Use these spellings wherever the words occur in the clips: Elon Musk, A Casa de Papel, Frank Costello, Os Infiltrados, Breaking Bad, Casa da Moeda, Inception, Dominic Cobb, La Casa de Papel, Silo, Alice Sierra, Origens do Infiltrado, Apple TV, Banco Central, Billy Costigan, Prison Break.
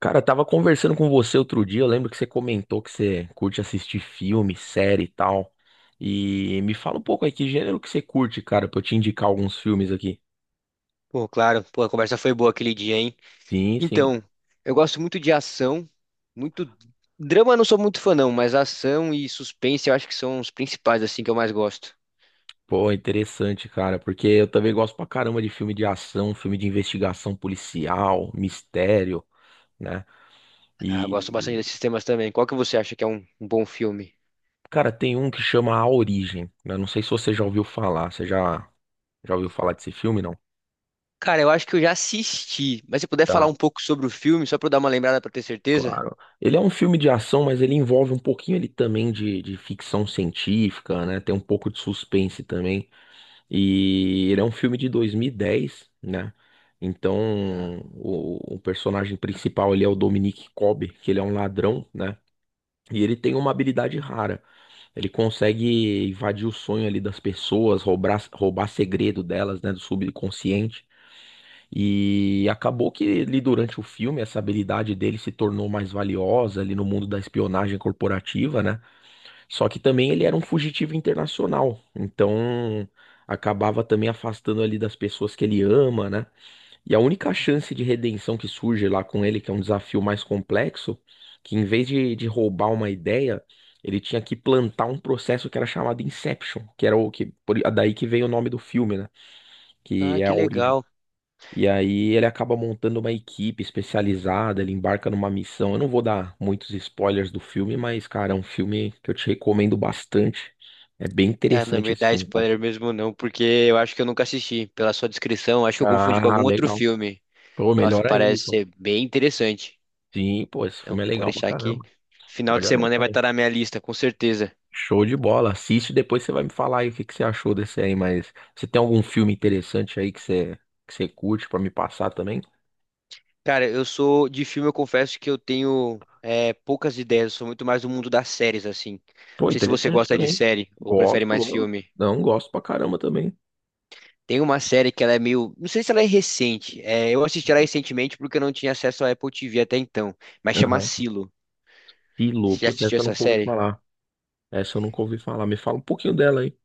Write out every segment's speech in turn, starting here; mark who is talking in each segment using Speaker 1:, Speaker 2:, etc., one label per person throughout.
Speaker 1: Cara, eu tava conversando com você outro dia, eu lembro que você comentou que você curte assistir filme, série e tal. E me fala um pouco aí, que gênero que você curte, cara, pra eu te indicar alguns filmes aqui.
Speaker 2: Pô, claro. Pô, a conversa foi boa aquele dia, hein?
Speaker 1: Sim, sim.
Speaker 2: Então, eu gosto muito de ação, muito drama eu não sou muito fã não, mas ação e suspense eu acho que são os principais assim que eu mais gosto.
Speaker 1: Pô, interessante, cara, porque eu também gosto pra caramba de filme de ação, filme de investigação policial, mistério, né?
Speaker 2: Ah, gosto bastante
Speaker 1: E,
Speaker 2: desses temas também. Qual que você acha que é um bom filme?
Speaker 1: cara, tem um que chama A Origem, né? Não sei se você já ouviu falar, você já ouviu falar desse filme, não?
Speaker 2: Cara, eu acho que eu já assisti, mas se puder falar
Speaker 1: Tá.
Speaker 2: um pouco sobre o filme, só pra eu dar uma lembrada pra ter certeza?
Speaker 1: Claro. Ele é um filme de ação, mas ele envolve um pouquinho ele também de ficção científica, né? Tem um pouco de suspense também. E ele é um filme de 2010, né?
Speaker 2: Tá.
Speaker 1: Então, o personagem principal ele é o Dominic Cobb, que ele é um ladrão, né? E ele tem uma habilidade rara. Ele consegue invadir o sonho ali das pessoas, roubar segredo delas, né? Do subconsciente. E acabou que ele, durante o filme, essa habilidade dele se tornou mais valiosa ali no mundo da espionagem corporativa, né? Só que também ele era um fugitivo internacional, então acabava também afastando ali das pessoas que ele ama, né? E a única chance de redenção que surge lá com ele, que é um desafio mais complexo, que em vez de roubar uma ideia, ele tinha que plantar um processo que era chamado Inception, que era o que, daí que vem o nome do filme, né?
Speaker 2: Ah,
Speaker 1: Que é
Speaker 2: que
Speaker 1: a origem.
Speaker 2: legal.
Speaker 1: E aí ele acaba montando uma equipe especializada, ele embarca numa missão. Eu não vou dar muitos spoilers do filme, mas, cara, é um filme que eu te recomendo bastante. É bem
Speaker 2: Ah, não
Speaker 1: interessante
Speaker 2: me
Speaker 1: esse
Speaker 2: dá
Speaker 1: filme, cara.
Speaker 2: spoiler mesmo não, porque eu acho que eu nunca assisti. Pela sua descrição, acho que eu confundi com
Speaker 1: Ah,
Speaker 2: algum outro
Speaker 1: legal.
Speaker 2: filme.
Speaker 1: Pô,
Speaker 2: Nossa,
Speaker 1: melhor ainda,
Speaker 2: parece
Speaker 1: então.
Speaker 2: ser bem interessante.
Speaker 1: Sim, pô, esse
Speaker 2: Não,
Speaker 1: filme é
Speaker 2: pode
Speaker 1: legal pra
Speaker 2: deixar que
Speaker 1: caramba.
Speaker 2: final
Speaker 1: Pode
Speaker 2: de semana
Speaker 1: anotar
Speaker 2: vai
Speaker 1: aí.
Speaker 2: estar na minha lista, com certeza.
Speaker 1: Show de bola. Assiste, depois você vai me falar aí o que que você achou desse aí, mas você tem algum filme interessante aí que você curte pra me passar também?
Speaker 2: Cara, eu sou de filme, eu confesso que eu tenho é, poucas ideias, eu sou muito mais do mundo das séries, assim. Não
Speaker 1: Pô,
Speaker 2: sei se você
Speaker 1: interessante
Speaker 2: gosta de
Speaker 1: também.
Speaker 2: série ou prefere mais
Speaker 1: Gosto,
Speaker 2: filme.
Speaker 1: não, gosto pra caramba também.
Speaker 2: Tem uma série que ela é meio. Não sei se ela é recente. É, eu assisti ela recentemente porque eu não tinha acesso à Apple TV até então. Mas chama Silo.
Speaker 1: Pilo,
Speaker 2: Você já
Speaker 1: puta,
Speaker 2: assistiu
Speaker 1: essa eu
Speaker 2: essa
Speaker 1: nunca ouvi
Speaker 2: série?
Speaker 1: falar. Essa eu nunca ouvi falar. Me fala um pouquinho dela aí.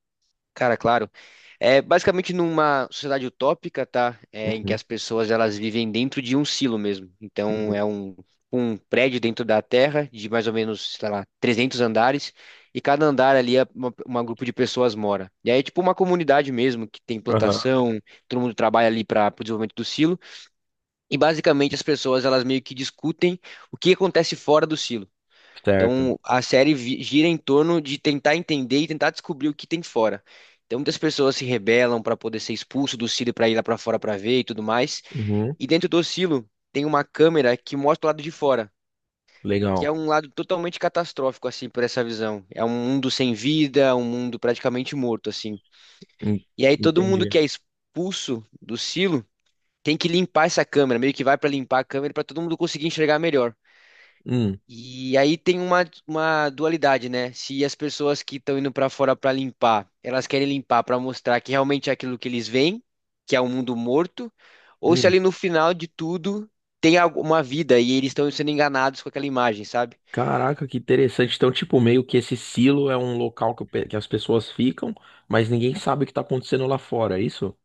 Speaker 2: Cara, claro. É basicamente numa sociedade utópica, tá? É, em que
Speaker 1: Uhum,
Speaker 2: as pessoas elas vivem dentro de um silo mesmo. Então
Speaker 1: uhum.
Speaker 2: é um prédio dentro da Terra de mais ou menos, sei lá, 300 andares e cada andar ali é uma grupo de pessoas mora. E aí é tipo uma comunidade mesmo que tem
Speaker 1: Aham.
Speaker 2: plantação, todo mundo trabalha ali para o desenvolvimento do silo e basicamente as pessoas elas meio que discutem o que acontece fora do silo.
Speaker 1: Certo.
Speaker 2: Então a gira em torno de tentar entender e tentar descobrir o que tem fora. Então muitas pessoas se rebelam para poder ser expulso do silo para ir lá para fora para ver e tudo mais.
Speaker 1: Uhum,
Speaker 2: E dentro do silo tem uma câmera que mostra o lado de fora, que é
Speaker 1: legal.
Speaker 2: um lado totalmente catastrófico assim por essa visão. É um mundo sem vida, um mundo praticamente morto assim.
Speaker 1: En-
Speaker 2: E aí todo mundo
Speaker 1: Entendi.
Speaker 2: que é expulso do silo tem que limpar essa câmera, meio que vai para limpar a câmera para todo mundo conseguir enxergar melhor.
Speaker 1: Hum,
Speaker 2: E aí tem uma dualidade, né? Se as pessoas que estão indo para fora para limpar, elas querem limpar para mostrar que realmente é aquilo que eles veem, que é um mundo morto, ou se
Speaker 1: hum.
Speaker 2: ali no final de tudo tem alguma vida e eles estão sendo enganados com aquela imagem, sabe?
Speaker 1: Caraca, que interessante. Então, tipo, meio que esse silo é um local que, que as pessoas ficam, mas ninguém sabe o que tá acontecendo lá fora, é isso?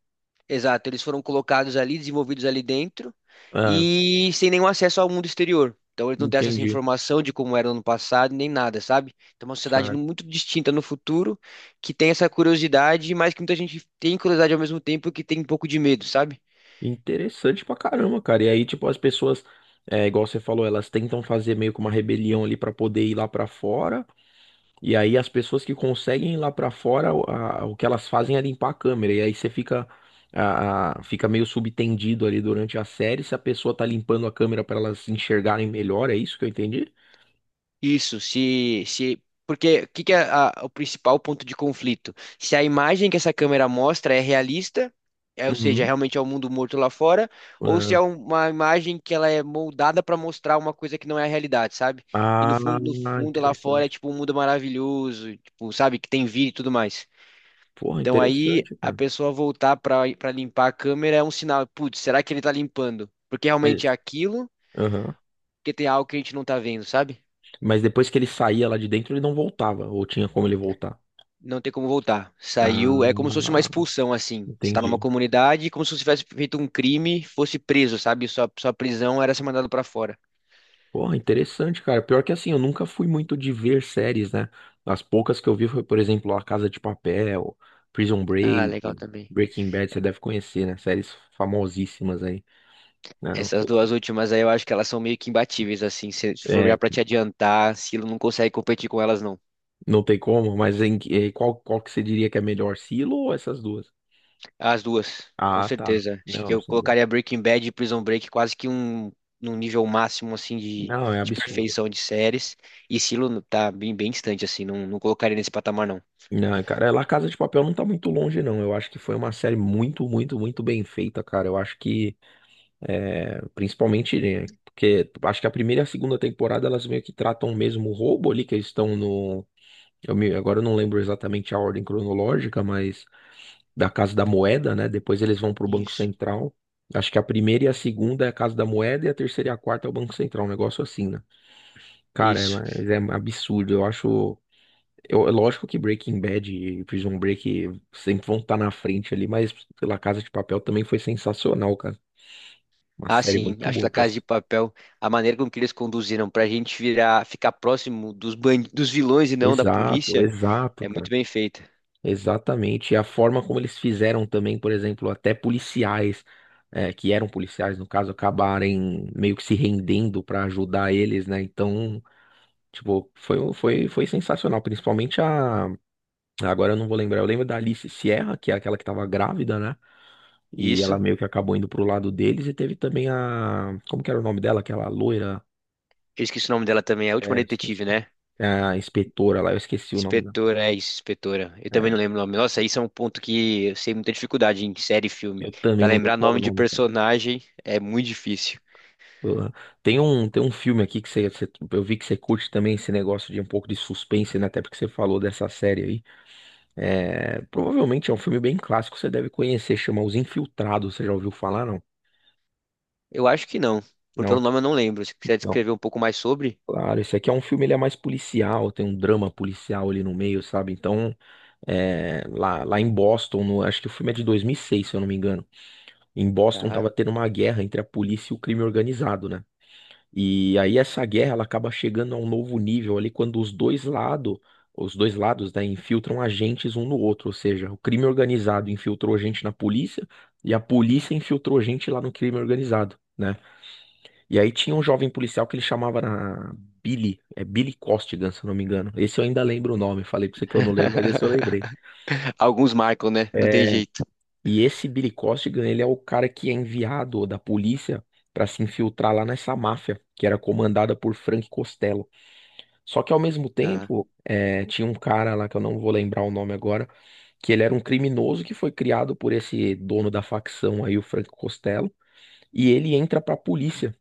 Speaker 2: Exato, eles foram colocados ali, desenvolvidos ali dentro
Speaker 1: Ah,
Speaker 2: e sem nenhum acesso ao mundo exterior. Então eles não têm acesso à
Speaker 1: entendi.
Speaker 2: informação de como era no ano passado, nem nada, sabe? Então é uma
Speaker 1: Certo.
Speaker 2: muito distinta no futuro, que tem essa curiosidade, mas que muita gente tem curiosidade ao mesmo tempo que tem um pouco de medo, sabe?
Speaker 1: Interessante pra caramba, cara. E aí, tipo, as pessoas, é, igual você falou, elas tentam fazer meio que uma rebelião ali pra poder ir lá pra fora. E aí as pessoas que conseguem ir lá pra fora, o que elas fazem é limpar a câmera. E aí você fica, fica meio subtendido ali durante a série se a pessoa tá limpando a câmera pra elas enxergarem melhor, é isso que eu entendi?
Speaker 2: Isso, se, porque o que que o principal ponto de conflito? Se a imagem que essa câmera mostra é realista, é, ou seja,
Speaker 1: Uhum.
Speaker 2: realmente é o mundo morto lá fora, ou se
Speaker 1: É.
Speaker 2: é uma imagem que ela é moldada para mostrar uma coisa que não é a realidade, sabe? E no
Speaker 1: Ah,
Speaker 2: fundo, no fundo lá fora é
Speaker 1: interessante.
Speaker 2: tipo um mundo maravilhoso, tipo, sabe, que tem vida e tudo mais.
Speaker 1: Porra,
Speaker 2: Então aí
Speaker 1: interessante,
Speaker 2: a
Speaker 1: cara.
Speaker 2: pessoa voltar para limpar a câmera é um sinal, putz, será que ele tá limpando? Porque realmente é
Speaker 1: Mas,
Speaker 2: aquilo,
Speaker 1: Aham.
Speaker 2: porque tem algo que a gente não tá vendo, sabe?
Speaker 1: Mas depois que ele saía lá de dentro, ele não voltava, ou tinha como ele voltar?
Speaker 2: Não tem como voltar. Saiu, é como se fosse uma
Speaker 1: Ah,
Speaker 2: expulsão, assim. Você tá numa
Speaker 1: entendi.
Speaker 2: comunidade, como se você tivesse feito um crime, fosse preso, sabe? Sua prisão era ser mandado pra fora.
Speaker 1: Porra, interessante, cara. Pior que assim, eu nunca fui muito de ver séries, né? As poucas que eu vi foi, por exemplo, A Casa de Papel, Prison
Speaker 2: Ah, legal
Speaker 1: Break,
Speaker 2: também.
Speaker 1: Breaking Bad, você deve conhecer, né? Séries famosíssimas aí, né? Não
Speaker 2: Essas
Speaker 1: sei
Speaker 2: duas
Speaker 1: se...
Speaker 2: últimas aí eu acho que elas são meio que imbatíveis, assim. Se for
Speaker 1: É,
Speaker 2: olhar pra te adiantar, Silo não consegue competir com elas, não.
Speaker 1: não tem como, mas em, qual que você diria que é melhor, Silo ou essas duas?
Speaker 2: As duas, com
Speaker 1: Ah, tá.
Speaker 2: certeza. Acho
Speaker 1: Não,
Speaker 2: que
Speaker 1: não
Speaker 2: eu
Speaker 1: sei.
Speaker 2: colocaria Breaking Bad e Prison Break quase que um, num nível máximo, assim,
Speaker 1: Não, é
Speaker 2: de
Speaker 1: absurdo.
Speaker 2: perfeição de séries. E Silo tá bem, bem distante, assim. Não, não colocaria nesse patamar, não.
Speaker 1: Não, cara, é, La Casa de Papel não tá muito longe, não. Eu acho que foi uma série muito, muito, muito bem feita, cara. Eu acho que é, principalmente, né, porque acho que a primeira e a segunda temporada elas meio que tratam o mesmo roubo ali, que eles estão no. Agora eu não lembro exatamente a ordem cronológica, mas da Casa da Moeda, né? Depois eles vão pro Banco
Speaker 2: Isso.
Speaker 1: Central. Acho que a primeira e a segunda é a Casa da Moeda e a terceira e a quarta é o Banco Central, um negócio assim, né? Cara, é,
Speaker 2: Isso.
Speaker 1: mas é absurdo. Eu acho. Eu, é lógico que Breaking Bad e Prison Break sempre vão estar na frente ali, mas pela Casa de Papel também foi sensacional, cara. Uma
Speaker 2: Ah,
Speaker 1: série
Speaker 2: sim,
Speaker 1: muito
Speaker 2: acho que
Speaker 1: boa,
Speaker 2: La
Speaker 1: cara.
Speaker 2: Casa de Papel, a maneira com que eles conduziram pra gente virar, ficar próximo dos dos vilões e não da
Speaker 1: Exato,
Speaker 2: polícia,
Speaker 1: exato,
Speaker 2: é muito
Speaker 1: cara.
Speaker 2: bem feita.
Speaker 1: Exatamente. E a forma como eles fizeram também, por exemplo, até policiais, que eram policiais, no caso, acabarem meio que se rendendo para ajudar eles, né? Então, tipo, foi sensacional. Principalmente a. Agora eu não vou lembrar. Eu lembro da Alice Sierra, que é aquela que tava grávida, né?
Speaker 2: E
Speaker 1: E ela
Speaker 2: isso,
Speaker 1: meio que acabou indo pro lado deles. E teve também a. Como que era o nome dela? Aquela loira.
Speaker 2: eu esqueci o nome dela também, é a última
Speaker 1: É, eu esqueci.
Speaker 2: detetive, né?
Speaker 1: É, a inspetora lá, eu esqueci o nome dela.
Speaker 2: Inspetora, é isso, inspetora. Eu também não
Speaker 1: É,
Speaker 2: lembro o nome. Nossa, isso é um ponto que eu sei muita dificuldade em série e filme.
Speaker 1: eu também
Speaker 2: Pra
Speaker 1: não
Speaker 2: lembrar
Speaker 1: decoro o
Speaker 2: nome de
Speaker 1: nome.
Speaker 2: personagem é muito difícil.
Speaker 1: Porra. Tem um filme aqui que eu vi que você curte também esse negócio de um pouco de suspense, né? Até porque você falou dessa série aí. É, provavelmente é um filme bem clássico, você deve conhecer, chama Os Infiltrados, você já ouviu falar, não?
Speaker 2: Eu acho que não, por pelo
Speaker 1: Não?
Speaker 2: nome eu não lembro. Se quiser
Speaker 1: Não.
Speaker 2: descrever um pouco mais sobre,
Speaker 1: Claro, esse aqui é um filme, ele é mais policial, tem um drama policial ali no meio, sabe? Então, é, lá em Boston, acho que o filme é de 2006 se eu não me engano. Em Boston
Speaker 2: tá?
Speaker 1: tava tendo uma guerra entre a polícia e o crime organizado, né? E aí essa guerra ela acaba chegando a um novo nível ali quando os dois lados, né, infiltram agentes um no outro, ou seja, o crime organizado infiltrou gente na polícia e a polícia infiltrou gente lá no crime organizado, né? E aí tinha um jovem policial que ele Billy, é Billy Costigan, se eu não me engano. Esse eu ainda lembro o nome, falei pra você que eu não lembro, mas esse eu lembrei.
Speaker 2: Alguns marcam, né? Não tem
Speaker 1: É,
Speaker 2: jeito.
Speaker 1: e esse Billy Costigan, ele é o cara que é enviado da polícia para se infiltrar lá nessa máfia, que era comandada por Frank Costello. Só que ao mesmo
Speaker 2: Tá,
Speaker 1: tempo, é, tinha um cara lá que eu não vou lembrar o nome agora, que ele era um criminoso que foi criado por esse dono da facção aí, o Franco Costello, e ele entra pra polícia.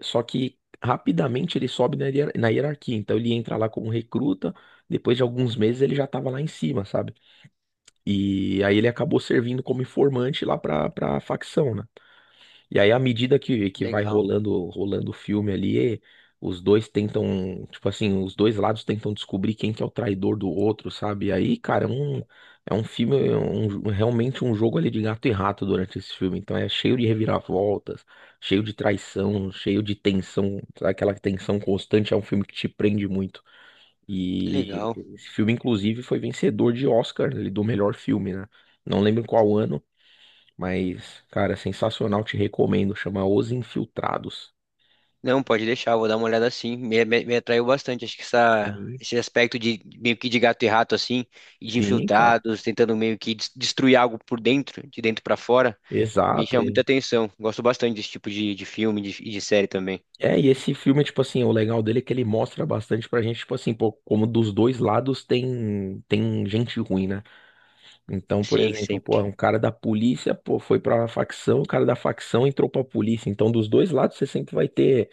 Speaker 1: Só que rapidamente ele sobe na hierarquia, então ele entra lá como recruta, depois de alguns meses ele já tava lá em cima, sabe? E aí ele acabou servindo como informante lá pra facção, né? E aí, à medida que vai
Speaker 2: legal,
Speaker 1: rolando o filme ali, os dois tentam, tipo assim, os dois lados tentam descobrir quem que é o traidor do outro, sabe? E aí, cara, realmente um jogo ali de gato e rato durante esse filme. Então é cheio de reviravoltas, cheio de traição, cheio de tensão, aquela tensão constante. É um filme que te prende muito.
Speaker 2: que
Speaker 1: E
Speaker 2: legal.
Speaker 1: esse filme, inclusive, foi vencedor de Oscar, ele, do melhor filme, né? Não lembro qual ano, mas, cara, sensacional, te recomendo. Chama Os Infiltrados.
Speaker 2: Não, pode deixar, vou dar uma olhada assim. Me atraiu bastante. Acho que essa,
Speaker 1: Sim,
Speaker 2: esse aspecto de meio que de gato e rato, assim, e de
Speaker 1: sim, cara.
Speaker 2: infiltrados, tentando meio que destruir algo por dentro, de dentro pra fora, me
Speaker 1: Exato.
Speaker 2: chama muita atenção. Gosto bastante desse tipo de filme série também.
Speaker 1: É, e esse filme, tipo assim, o legal dele é que ele mostra bastante pra gente, tipo assim, pô, como dos dois lados tem gente ruim, né? Então, por
Speaker 2: Sim,
Speaker 1: exemplo, pô, um
Speaker 2: sempre.
Speaker 1: cara da polícia, pô, foi pra facção, o cara da facção entrou pra polícia. Então, dos dois lados, você sempre vai ter.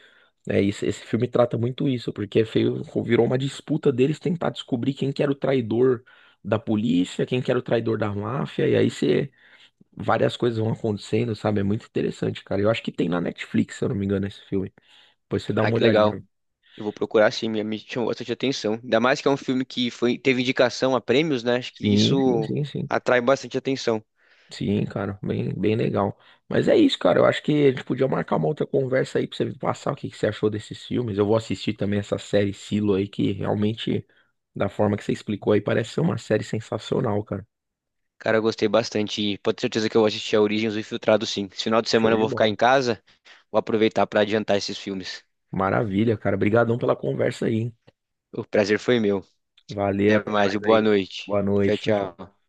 Speaker 1: É, esse filme trata muito isso, porque virou uma disputa deles tentar descobrir quem que era o traidor da polícia, quem que era o traidor da máfia, e aí você, várias coisas vão acontecendo, sabe? É muito interessante, cara. Eu acho que tem na Netflix, se eu não me engano, esse filme. Depois você dá
Speaker 2: Ah,
Speaker 1: uma
Speaker 2: que legal.
Speaker 1: olhadinha.
Speaker 2: Eu vou procurar sim, me chamou bastante atenção. Ainda mais que é um filme que foi, teve indicação a prêmios, né? Acho que
Speaker 1: Sim, sim,
Speaker 2: isso
Speaker 1: sim, sim.
Speaker 2: atrai bastante atenção.
Speaker 1: Sim, cara, bem, bem legal. Mas é isso, cara. Eu acho que a gente podia marcar uma outra conversa aí pra você me passar o que que você achou desses filmes. Eu vou assistir também essa série Silo aí, que realmente, da forma que você explicou aí, parece ser uma série sensacional, cara.
Speaker 2: Cara, eu gostei bastante. E pode ter certeza que eu vou assistir a Origens do Infiltrado, sim. Esse final de
Speaker 1: Show
Speaker 2: semana eu
Speaker 1: de
Speaker 2: vou ficar
Speaker 1: bola.
Speaker 2: em casa. Vou aproveitar para adiantar esses filmes.
Speaker 1: Maravilha, cara. Obrigadão pela conversa aí, hein?
Speaker 2: O prazer foi meu.
Speaker 1: Valeu,
Speaker 2: Até
Speaker 1: até
Speaker 2: mais e
Speaker 1: mais
Speaker 2: boa
Speaker 1: aí.
Speaker 2: noite.
Speaker 1: Boa
Speaker 2: Tchau,
Speaker 1: noite, tchau, tchau.
Speaker 2: tchau.